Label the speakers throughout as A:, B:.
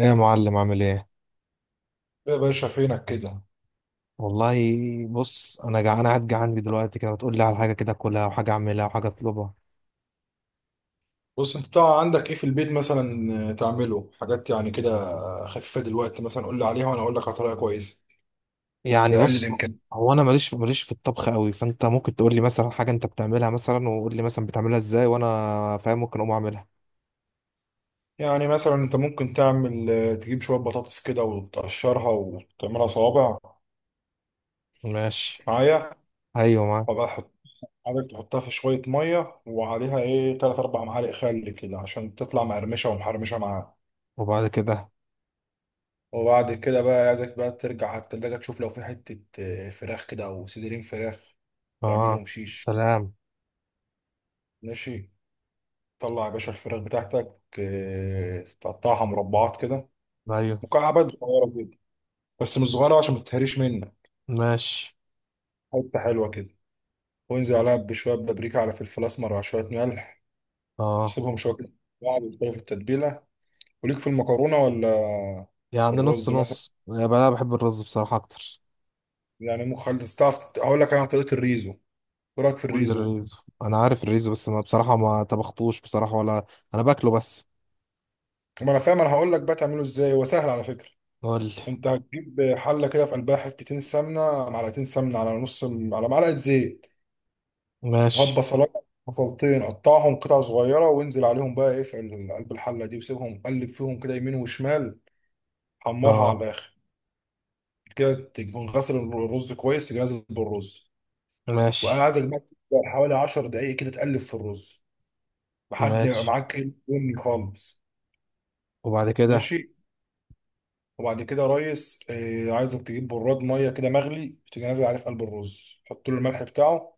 A: ايه يا معلم عامل ايه؟
B: يا باشا فينك كده.
A: والله. بص، انا قاعد جعان دلوقتي كده، بتقول لي على حاجه كده اكلها وحاجه اعملها وحاجه اطلبها.
B: بص انت بتاع عندك ايه في البيت مثلا تعمله حاجات يعني كده خفيفه دلوقتي مثلا قول لي عليها وانا اقول لك على طريقه كويسه
A: يعني
B: باقل
A: بص،
B: الامكان.
A: هو انا ماليش في الطبخ قوي، فانت ممكن تقول لي مثلا حاجه انت بتعملها مثلا، وقول لي مثلا بتعملها ازاي، وانا فاهم ممكن اقوم اعملها.
B: يعني مثلا انت ممكن تعمل تجيب شويه بطاطس كده وتقشرها وتعملها صوابع
A: ماشي.
B: معايا.
A: ايوه معاك.
B: وبقى حط عادك تحطها في شويه ميه وعليها ايه تلات اربع معالق خل كده عشان تطلع مقرمشه ومحرمشه معاها.
A: وبعد كده؟
B: وبعد كده بقى عايزك بقى ترجع على التلاجة تشوف لو في حتة فراخ كده أو صدرين فراخ
A: اه.
B: تعملهم شيش.
A: سلام.
B: ماشي، طلع يا باشا الفراخ بتاعتك، تقطعها مربعات كده،
A: ايوه.
B: مكعبات صغيرة كده، بس مش صغيرة عشان ما تتهريش منك،
A: ماشي.
B: حتة حلوة كده. وانزل عليها بشوية بابريكا على فلفل أسمر على شوية ملح،
A: اه.
B: سيبهم شوية كده بعض يدخلوا في التتبيلة. وليك في المكرونة ولا في
A: يعني نص
B: الرز مثلا؟
A: نص يا بقى، أنا بحب الرز بصراحه اكتر.
B: يعني ممكن خالص، تعرف هقول لك أنا عن طريقة الريزو. إيه رأيك في
A: قول لي
B: الريزو؟
A: الريزو. انا عارف الريزو، بس ما بصراحه ما طبختوش بصراحه ولا، انا باكله بس.
B: ما أنا فاهم، أنا هقول لك بقى تعمله إزاي، هو سهل على فكرة.
A: قول لي.
B: أنت هتجيب حلة كده في قلبها حتتين سمنة، معلقتين سمنة على نص على معلقة زيت، وهات
A: ماشي.
B: بصلايه، بصلتين قطعهم قطع صغيره وانزل عليهم بقى ايه في قلب الحله دي وسيبهم قلب فيهم كده يمين وشمال، حمرها
A: اه.
B: على الاخر. كده تكون غسل الرز كويس، تيجي نازل بالرز، وانا
A: ماشي.
B: عايزك بقى تبدأ حوالي 10 دقائق كده تقلب في الرز لحد ما يبقى
A: ماشي.
B: معاك ايه بني خالص.
A: وبعد كده؟
B: ماشي، وبعد كده يا ريس آه عايزك تجيب براد ميه كده مغلي، تيجي نازل عليه في قلب الرز، حط له الملح بتاعه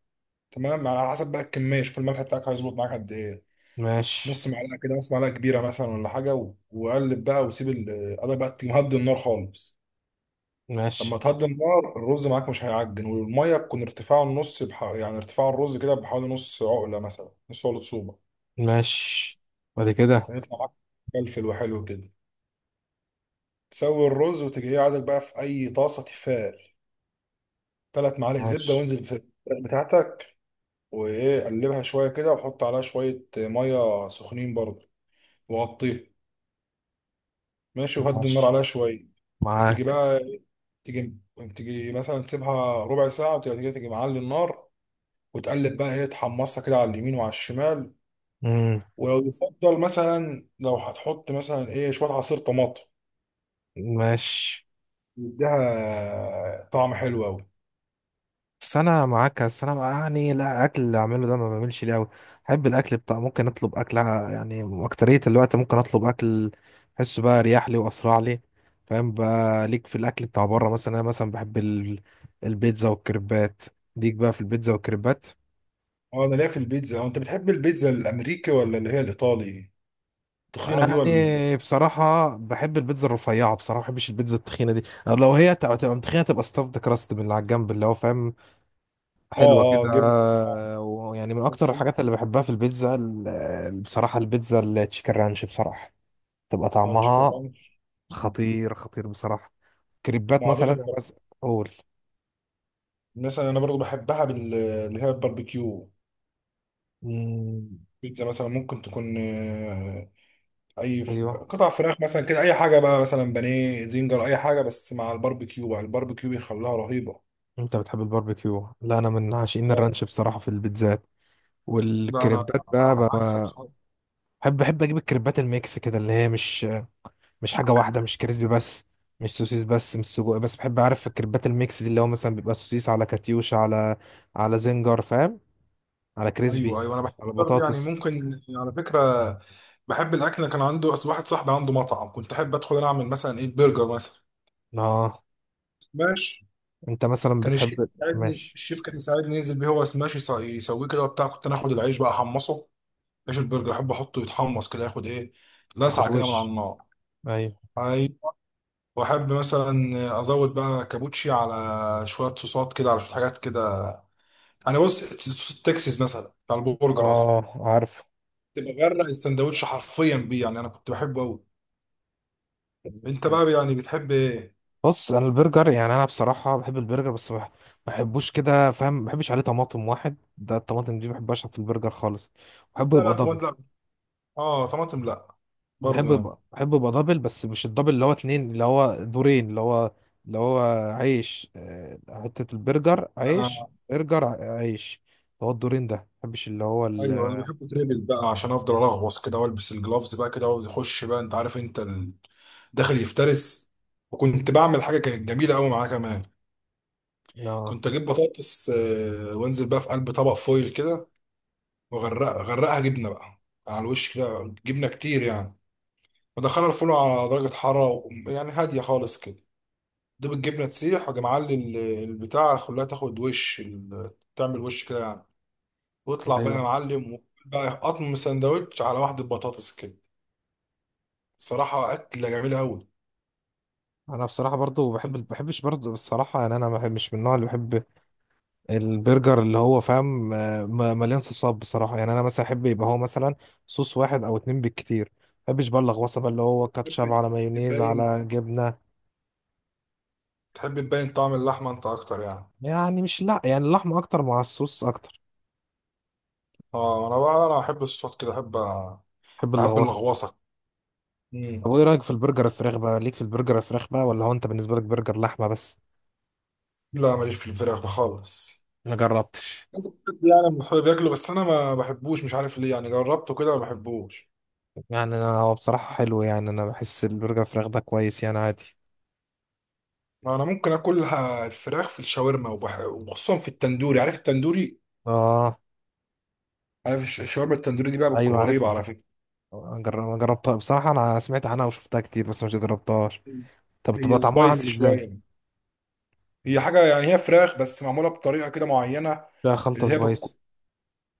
B: تمام، على حسب بقى الكميه، شوف الملح بتاعك هيظبط معاك قد ايه،
A: ماشي.
B: نص معلقه كده، نص معلقه كبيره مثلا ولا حاجه، وقلب بقى وسيب قلب بقى تهدي النار خالص.
A: ماشي.
B: لما تهدي النار الرز معاك مش هيعجن، والميه تكون ارتفاعه النص يعني ارتفاع الرز كده بحوالي نص عقله مثلا، نص عقله صوبه.
A: ماشي. بعد كده؟
B: هيطلع معاك فلفل وحلو كده، تسوي الرز وتيجي ايه عايزك بقى في اي طاسه تيفال، ثلاث معالق زبده،
A: ماشي.
B: وانزل في الفراخ بتاعتك وايه قلبها شويه كده، وحط عليها شويه ميه سخنين برضه وغطيها. ماشي، وهدي النار
A: ماشي
B: عليها شويه، وتيجي
A: معاك.
B: بقى، تيجي تيجي مثلا تسيبها ربع ساعة وتيجي، تيجي معلي النار، وتقلب بقى ايه، تحمصها كده على اليمين وعلى الشمال.
A: امم.
B: ولو يفضل مثلا، لو هتحط مثلا ايه شوية عصير طماطم
A: ماشي.
B: يديها طعم حلو أوي.
A: بس انا معاك، بس انا بقى يعني لا اكل اللي اعمله ده ما بعملش ليه قوي. احب الاكل بتاع، ممكن اطلب اكل، يعني اكترية الوقت ممكن اطلب اكل. احسه بقى اريح لي واسرع لي. فاهم بقى، ليك في الاكل بتاع بره؟ مثلا انا مثلا بحب البيتزا والكريبات. ليك بقى في البيتزا والكريبات؟
B: اه، انا ليا في البيتزا. هو انت بتحب البيتزا الامريكي ولا اللي هي الايطالي التخينة دي ولا؟
A: يعني بصراحة بحب البيتزا الرفيعة بصراحة، ما بحبش البيتزا التخينة دي. لو هي تبقى متخينة، تبقى ستافد كراست من اللي على الجنب اللي هو فاهم.
B: اه،
A: حلوة كده.
B: اه جبنة. آه.
A: ويعني من أكتر
B: بس
A: الحاجات اللي بحبها في البيتزا بصراحة البيتزا التشيكن رانش بصراحة. تبقى
B: اه، تشيكن
A: طعمها
B: رانش.
A: خطير خطير بصراحة. كريبات
B: معضفة
A: مثلا بس. قول.
B: مثلا انا برضو بحبها اللي هي الباربيكيو.
A: مم،
B: بيتزا مثلا ممكن تكون اي
A: أيوه.
B: قطع فراخ مثلا كده، اي حاجه بقى مثلا بانيه، زنجر، اي حاجه، بس مع الباربيكيو بقى، الباربيكيو بيخليها رهيبه.
A: أنت بتحب الباربيكيو؟ لا، أنا من عاشقين
B: اه،
A: الرانش بصراحة في البيتزات.
B: ده انا
A: والكريبات بقى.
B: عكسك خالص.
A: بحب اجيب الكريبات الميكس كده، اللي هي مش حاجه واحده، مش كريسبي بس، مش سوسيس بس، مش سجق بس، بحب اعرف الكريبات الميكس دي، اللي هو مثلا بيبقى سوسيس على كاتيوش على زنجر فاهم، على
B: ايوه
A: كريسبي،
B: ايوه، انا بحب
A: على
B: برضه يعني،
A: بطاطس.
B: ممكن على فكره بحب الاكل. أنا كان عنده أصل واحد صاحبي عنده مطعم، كنت احب ادخل انا اعمل مثلا ايه برجر مثلا
A: اه.
B: سماش.
A: انت مثلا
B: كان الشيف
A: بتحب،
B: يساعدني،
A: ماشي.
B: الشيف كان يساعدني ينزل بيه، هو سماش يسويه كده وبتاع، كنت انا اخد العيش بقى احمصه، عيش البرجر احب احطه يتحمص كده ياخد ايه،
A: ياخد
B: لسعه كده من على
A: وش؟
B: النار.
A: ايوه.
B: أيوه. واحب مثلا ازود بقى كابوتشي على شويه صوصات كده، على شويه حاجات كده. انا بص صوص التكساس مثلا بتاع البرجر اصلا
A: اه عارف.
B: تبقى غرق السندوتش حرفيا بيه، يعني انا كنت بحبه قوي. انت بقى يعني بتحب ايه؟
A: بص، انا البرجر يعني انا بصراحه بحب البرجر، بس ما بحبوش كده فاهم، ما بحبش عليه طماطم واحد ده، الطماطم دي ما بحبهاش في البرجر خالص. بحبه
B: لا
A: يبقى
B: لا،
A: دبل.
B: طماطم لا، اه طماطم لا برضه
A: بحب
B: يعني.
A: يبقى بحب يبقى دبل، بس مش الدبل اللي هو اتنين، اللي هو دورين، اللي هو عيش، حتة البرجر، عيش
B: انا
A: برجر، عيش. اللي هو الدورين ده ما بحبش، اللي هو ال
B: ايوه، انا بحبه تريبل بقى عشان افضل الغوص كده والبس الجلافز بقى كده واقعد يخش بقى، انت عارف انت داخل يفترس. وكنت بعمل حاجه كانت جميله قوي معاه كمان،
A: اه
B: كنت اجيب بطاطس، وانزل بقى في قلب طبق فويل كده، وغرقها غرقها جبنه بقى على الوش كده، جبنه كتير يعني، ودخلها الفرن على درجه حراره يعني هاديه خالص كده، دوب الجبنه تسيح وأجي معلي البتاع، خليها تاخد وش تعمل وش كده يعني، واطلع بقى يا
A: ايوه.
B: معلم وكل بقى، قطم سندوتش على واحده بطاطس كده، صراحه اكله جميله قوي.
A: انا بصراحة برضو بحب، ما بحبش برضو الصراحة يعني، انا ما بحب- مش من النوع اللي بحب البرجر اللي هو فاهم، مليان صوصات بصراحة. يعني انا مثلا احب يبقى هو مثلا صوص واحد او اتنين بالكتير. ما بحبش بقى اللغوصة بقى، اللي هو كاتشب
B: تحب
A: على مايونيز
B: تبين
A: على جبنة.
B: تحب تبين طعم اللحمه انت اكتر يعني؟
A: يعني مش، لا يعني اللحمة اكتر مع الصوص اكتر.
B: اه انا بقى انا بحب الصوت كده، بحب
A: بحب
B: بحب
A: اللغوصة.
B: اللغوصه.
A: طب
B: مم.
A: وايه رايك في البرجر الفراخ بقى؟ ليك في البرجر الفراخ بقى، ولا هو انت بالنسبه لك برجر لحمه بس؟
B: لا ماليش في الفراخ ده خالص،
A: ما جربتش.
B: يعني من اصحابي بياكله بس انا ما بحبوش، مش عارف ليه يعني، جربته كده ما بحبوش.
A: يعني انا هو بصراحه حلو، يعني انا بحس البرجر الفراخ ده كويس، يعني عادي.
B: انا ممكن اكل الفراخ في الشاورما وخصوصا في التندوري، عارف التندوري؟
A: اه.
B: عارف الشاورما التندوري دي بقى، بتكون
A: ايوه عارف.
B: رهيبه على فكره.
A: أنا جربتها بصراحه، انا سمعت عنها وشفتها كتير بس مش جربتهاش.
B: مم.
A: طب بتبقى
B: هي
A: طعمها عامل
B: سبايسي
A: ازاي؟
B: شويه، هي حاجه يعني، هي فراخ بس معموله بطريقه كده معينه،
A: فيها خلطه
B: اللي هي بتكون
A: سبايس؟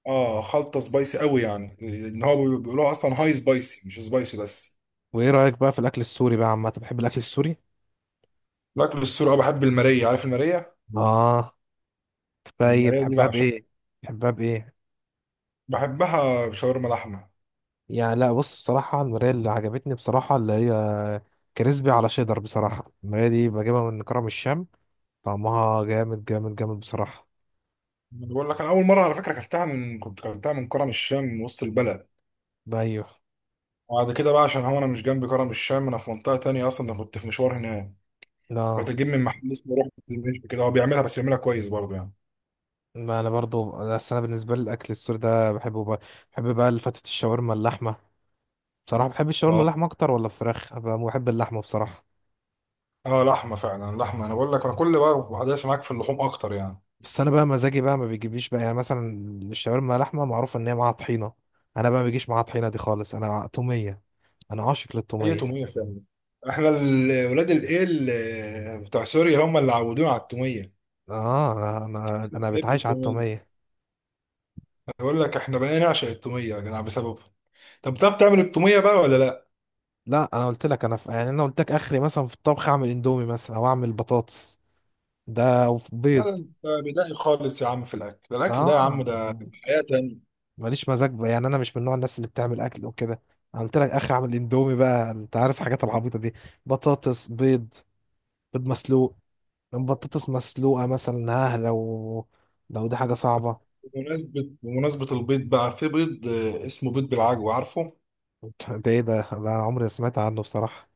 B: اه خلطه سبايسي قوي يعني، ان هو بيقولوها اصلا هاي سبايسي، مش سبايسي بس.
A: وايه رايك بقى في الاكل السوري بقى عامه؟ بتحب الاكل السوري؟
B: باكل السوري اه، بحب الماريه، عارف الماريه؟
A: اه. طب
B: الماريه دي
A: بتحبها
B: بعشق،
A: بايه؟ بتحبها بايه؟
B: بحبها بشاورما لحمه.
A: يعني لا، بص، بصراحة المراية اللي عجبتني بصراحة اللي هي كريسبي على شيدر، بصراحة المراية دي بجيبها من كرم الشام. طعمها جامد جامد جامد بصراحة.
B: بقول لك انا اول مره على فكره اكلتها، من كنت اكلتها من كرم الشام من وسط البلد،
A: ده أيوه
B: وبعد كده بقى عشان هو انا مش جنب كرم الشام، انا في منطقه تانية اصلا، انا كنت في مشوار هناك،
A: لا.
B: بتجيب من محل اسمه روح دمشق كده، هو بيعملها بس بيعملها كويس برضه يعني.
A: ما أنا برضو، بس أنا بالنسبة لي الأكل السوري ده بحبه بقى. بحب بقى الفتة، الشاورما اللحمة. بصراحة بحب الشاورما
B: اه
A: اللحمة أكتر ولا الفراخ؟ أنا بحب اللحمة بصراحة.
B: اه، لحمه فعلا لحمه، انا بقول لك انا كل بقى بحدث معاك في اللحوم اكتر يعني.
A: بس أنا بقى مزاجي بقى ما بيجيبليش بقى، يعني مثلا الشاورما لحمة معروف إن هي معاها طحينة. أنا بقى ما بيجيش معاها طحينة دي خالص، أنا تومية. أنا عاشق
B: هي
A: للتومية.
B: توميه فعلا، احنا ولاد الايه بتاع سوريا هم اللي عودونا على التوميه،
A: اه. انا ده، انا
B: بنحب
A: بتعايش على
B: التوميه.
A: التوميه.
B: بقول لك احنا بقينا نعشق التوميه يا جدع بسببه. طب بتعرف تعمل التوميه بقى ولا لا؟
A: لا، انا قلت لك يعني انا قلت لك اخري مثلا في الطبخ اعمل اندومي مثلا او اعمل بطاطس، ده او في
B: لا ده
A: بيض.
B: انت بدائي خالص يا عم في الاكل، الاكل ده يا
A: اه.
B: عم ده حياة تانية.
A: ماليش مزاج بقى. يعني انا مش من نوع الناس اللي بتعمل اكل وكده. انا قلت لك اخري اعمل اندومي بقى، انت عارف الحاجات العبيطه دي، بطاطس، بيض. بيض مسلوق، بطاطس مسلوقه مثلا، ها لو دي حاجه صعبه.
B: بمناسبة البيض بقى، في بيض اسمه بيض بالعجوة عارفه؟
A: ده ايه ده أنا عمري ما سمعت عنه بصراحه.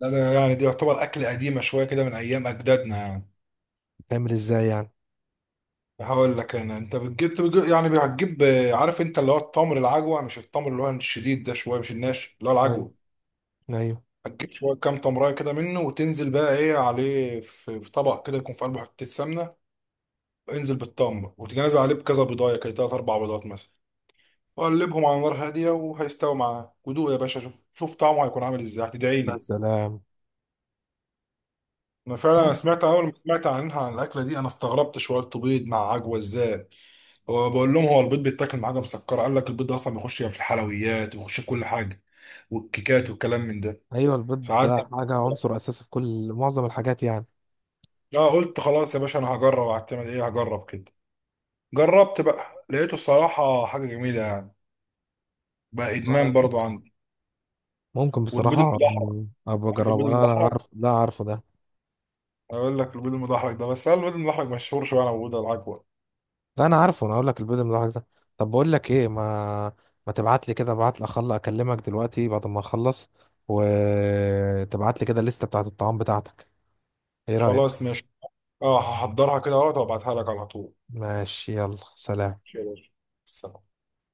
B: لا ده يعني، دي يعتبر اكل قديمة شوية كده من ايام اجدادنا يعني.
A: تعمل ازاي يعني؟
B: هقول لك انا، انت يعني هتجيب، عارف انت اللي هو التمر العجوة، مش التمر اللي هو الشديد ده شوية، مش الناشف، اللي هو
A: ايوه،
B: العجوة،
A: ايوه.
B: هتجيب شوية كام تمراية كده منه وتنزل بقى ايه عليه في في طبق كده يكون في قلبه حتة سمنة، انزل بالتمر وتجي نازل عليه بكذا بيضاية كده، تلات أربع بيضات مثلا، وقلبهم على نار هادية وهيستوي معاك، ودوق يا باشا شوف شوف طعمه هيكون عامل ازاي، هتدعي
A: يا
B: لي.
A: سلام.
B: انا فعلا انا سمعت اول ما سمعت عنها، عن الاكله دي انا استغربت شويه، بيض مع عجوه ازاي، هو بقول لهم، هو البيض بيتاكل مع حاجه مسكره؟ قال لك البيض ده اصلا بيخش يعني في الحلويات، وبيخش في كل حاجه والكيكات والكلام من ده،
A: ايوه، البيض ده
B: فقعدت
A: حاجه عنصر اساسي في كل معظم الحاجات يعني.
B: اه قلت خلاص يا باشا انا هجرب، هعتمد ايه هجرب كده، جربت بقى لقيته الصراحه حاجه جميله يعني، بقى ادمان برضو عندي.
A: ممكن
B: والبيض
A: بصراحه
B: المدحرج،
A: ابقى
B: عارف البيض
A: اجربه. لا انا
B: المدحرج؟
A: عارف، لا عارفه ده.
B: اقول لك البيض المدحرج ده، بس هل البيض المدحرج مشهور شويه على موجود على العجوه.
A: لا انا عارفه، انا اقول لك البيض من الحاجات ده. طب بقول لك ايه، ما تبعت لي كده، ابعت لي، اخلص اكلمك دلوقتي بعد ما اخلص، وتبعت لي كده الليسته بتاعت الطعام بتاعتك. ايه رايك؟
B: خلاص ماشي، اه هحضرها كده اهوت وابعتها لك على طول.
A: ماشي، يلا سلام.
B: ماشي يا باشا، سلام.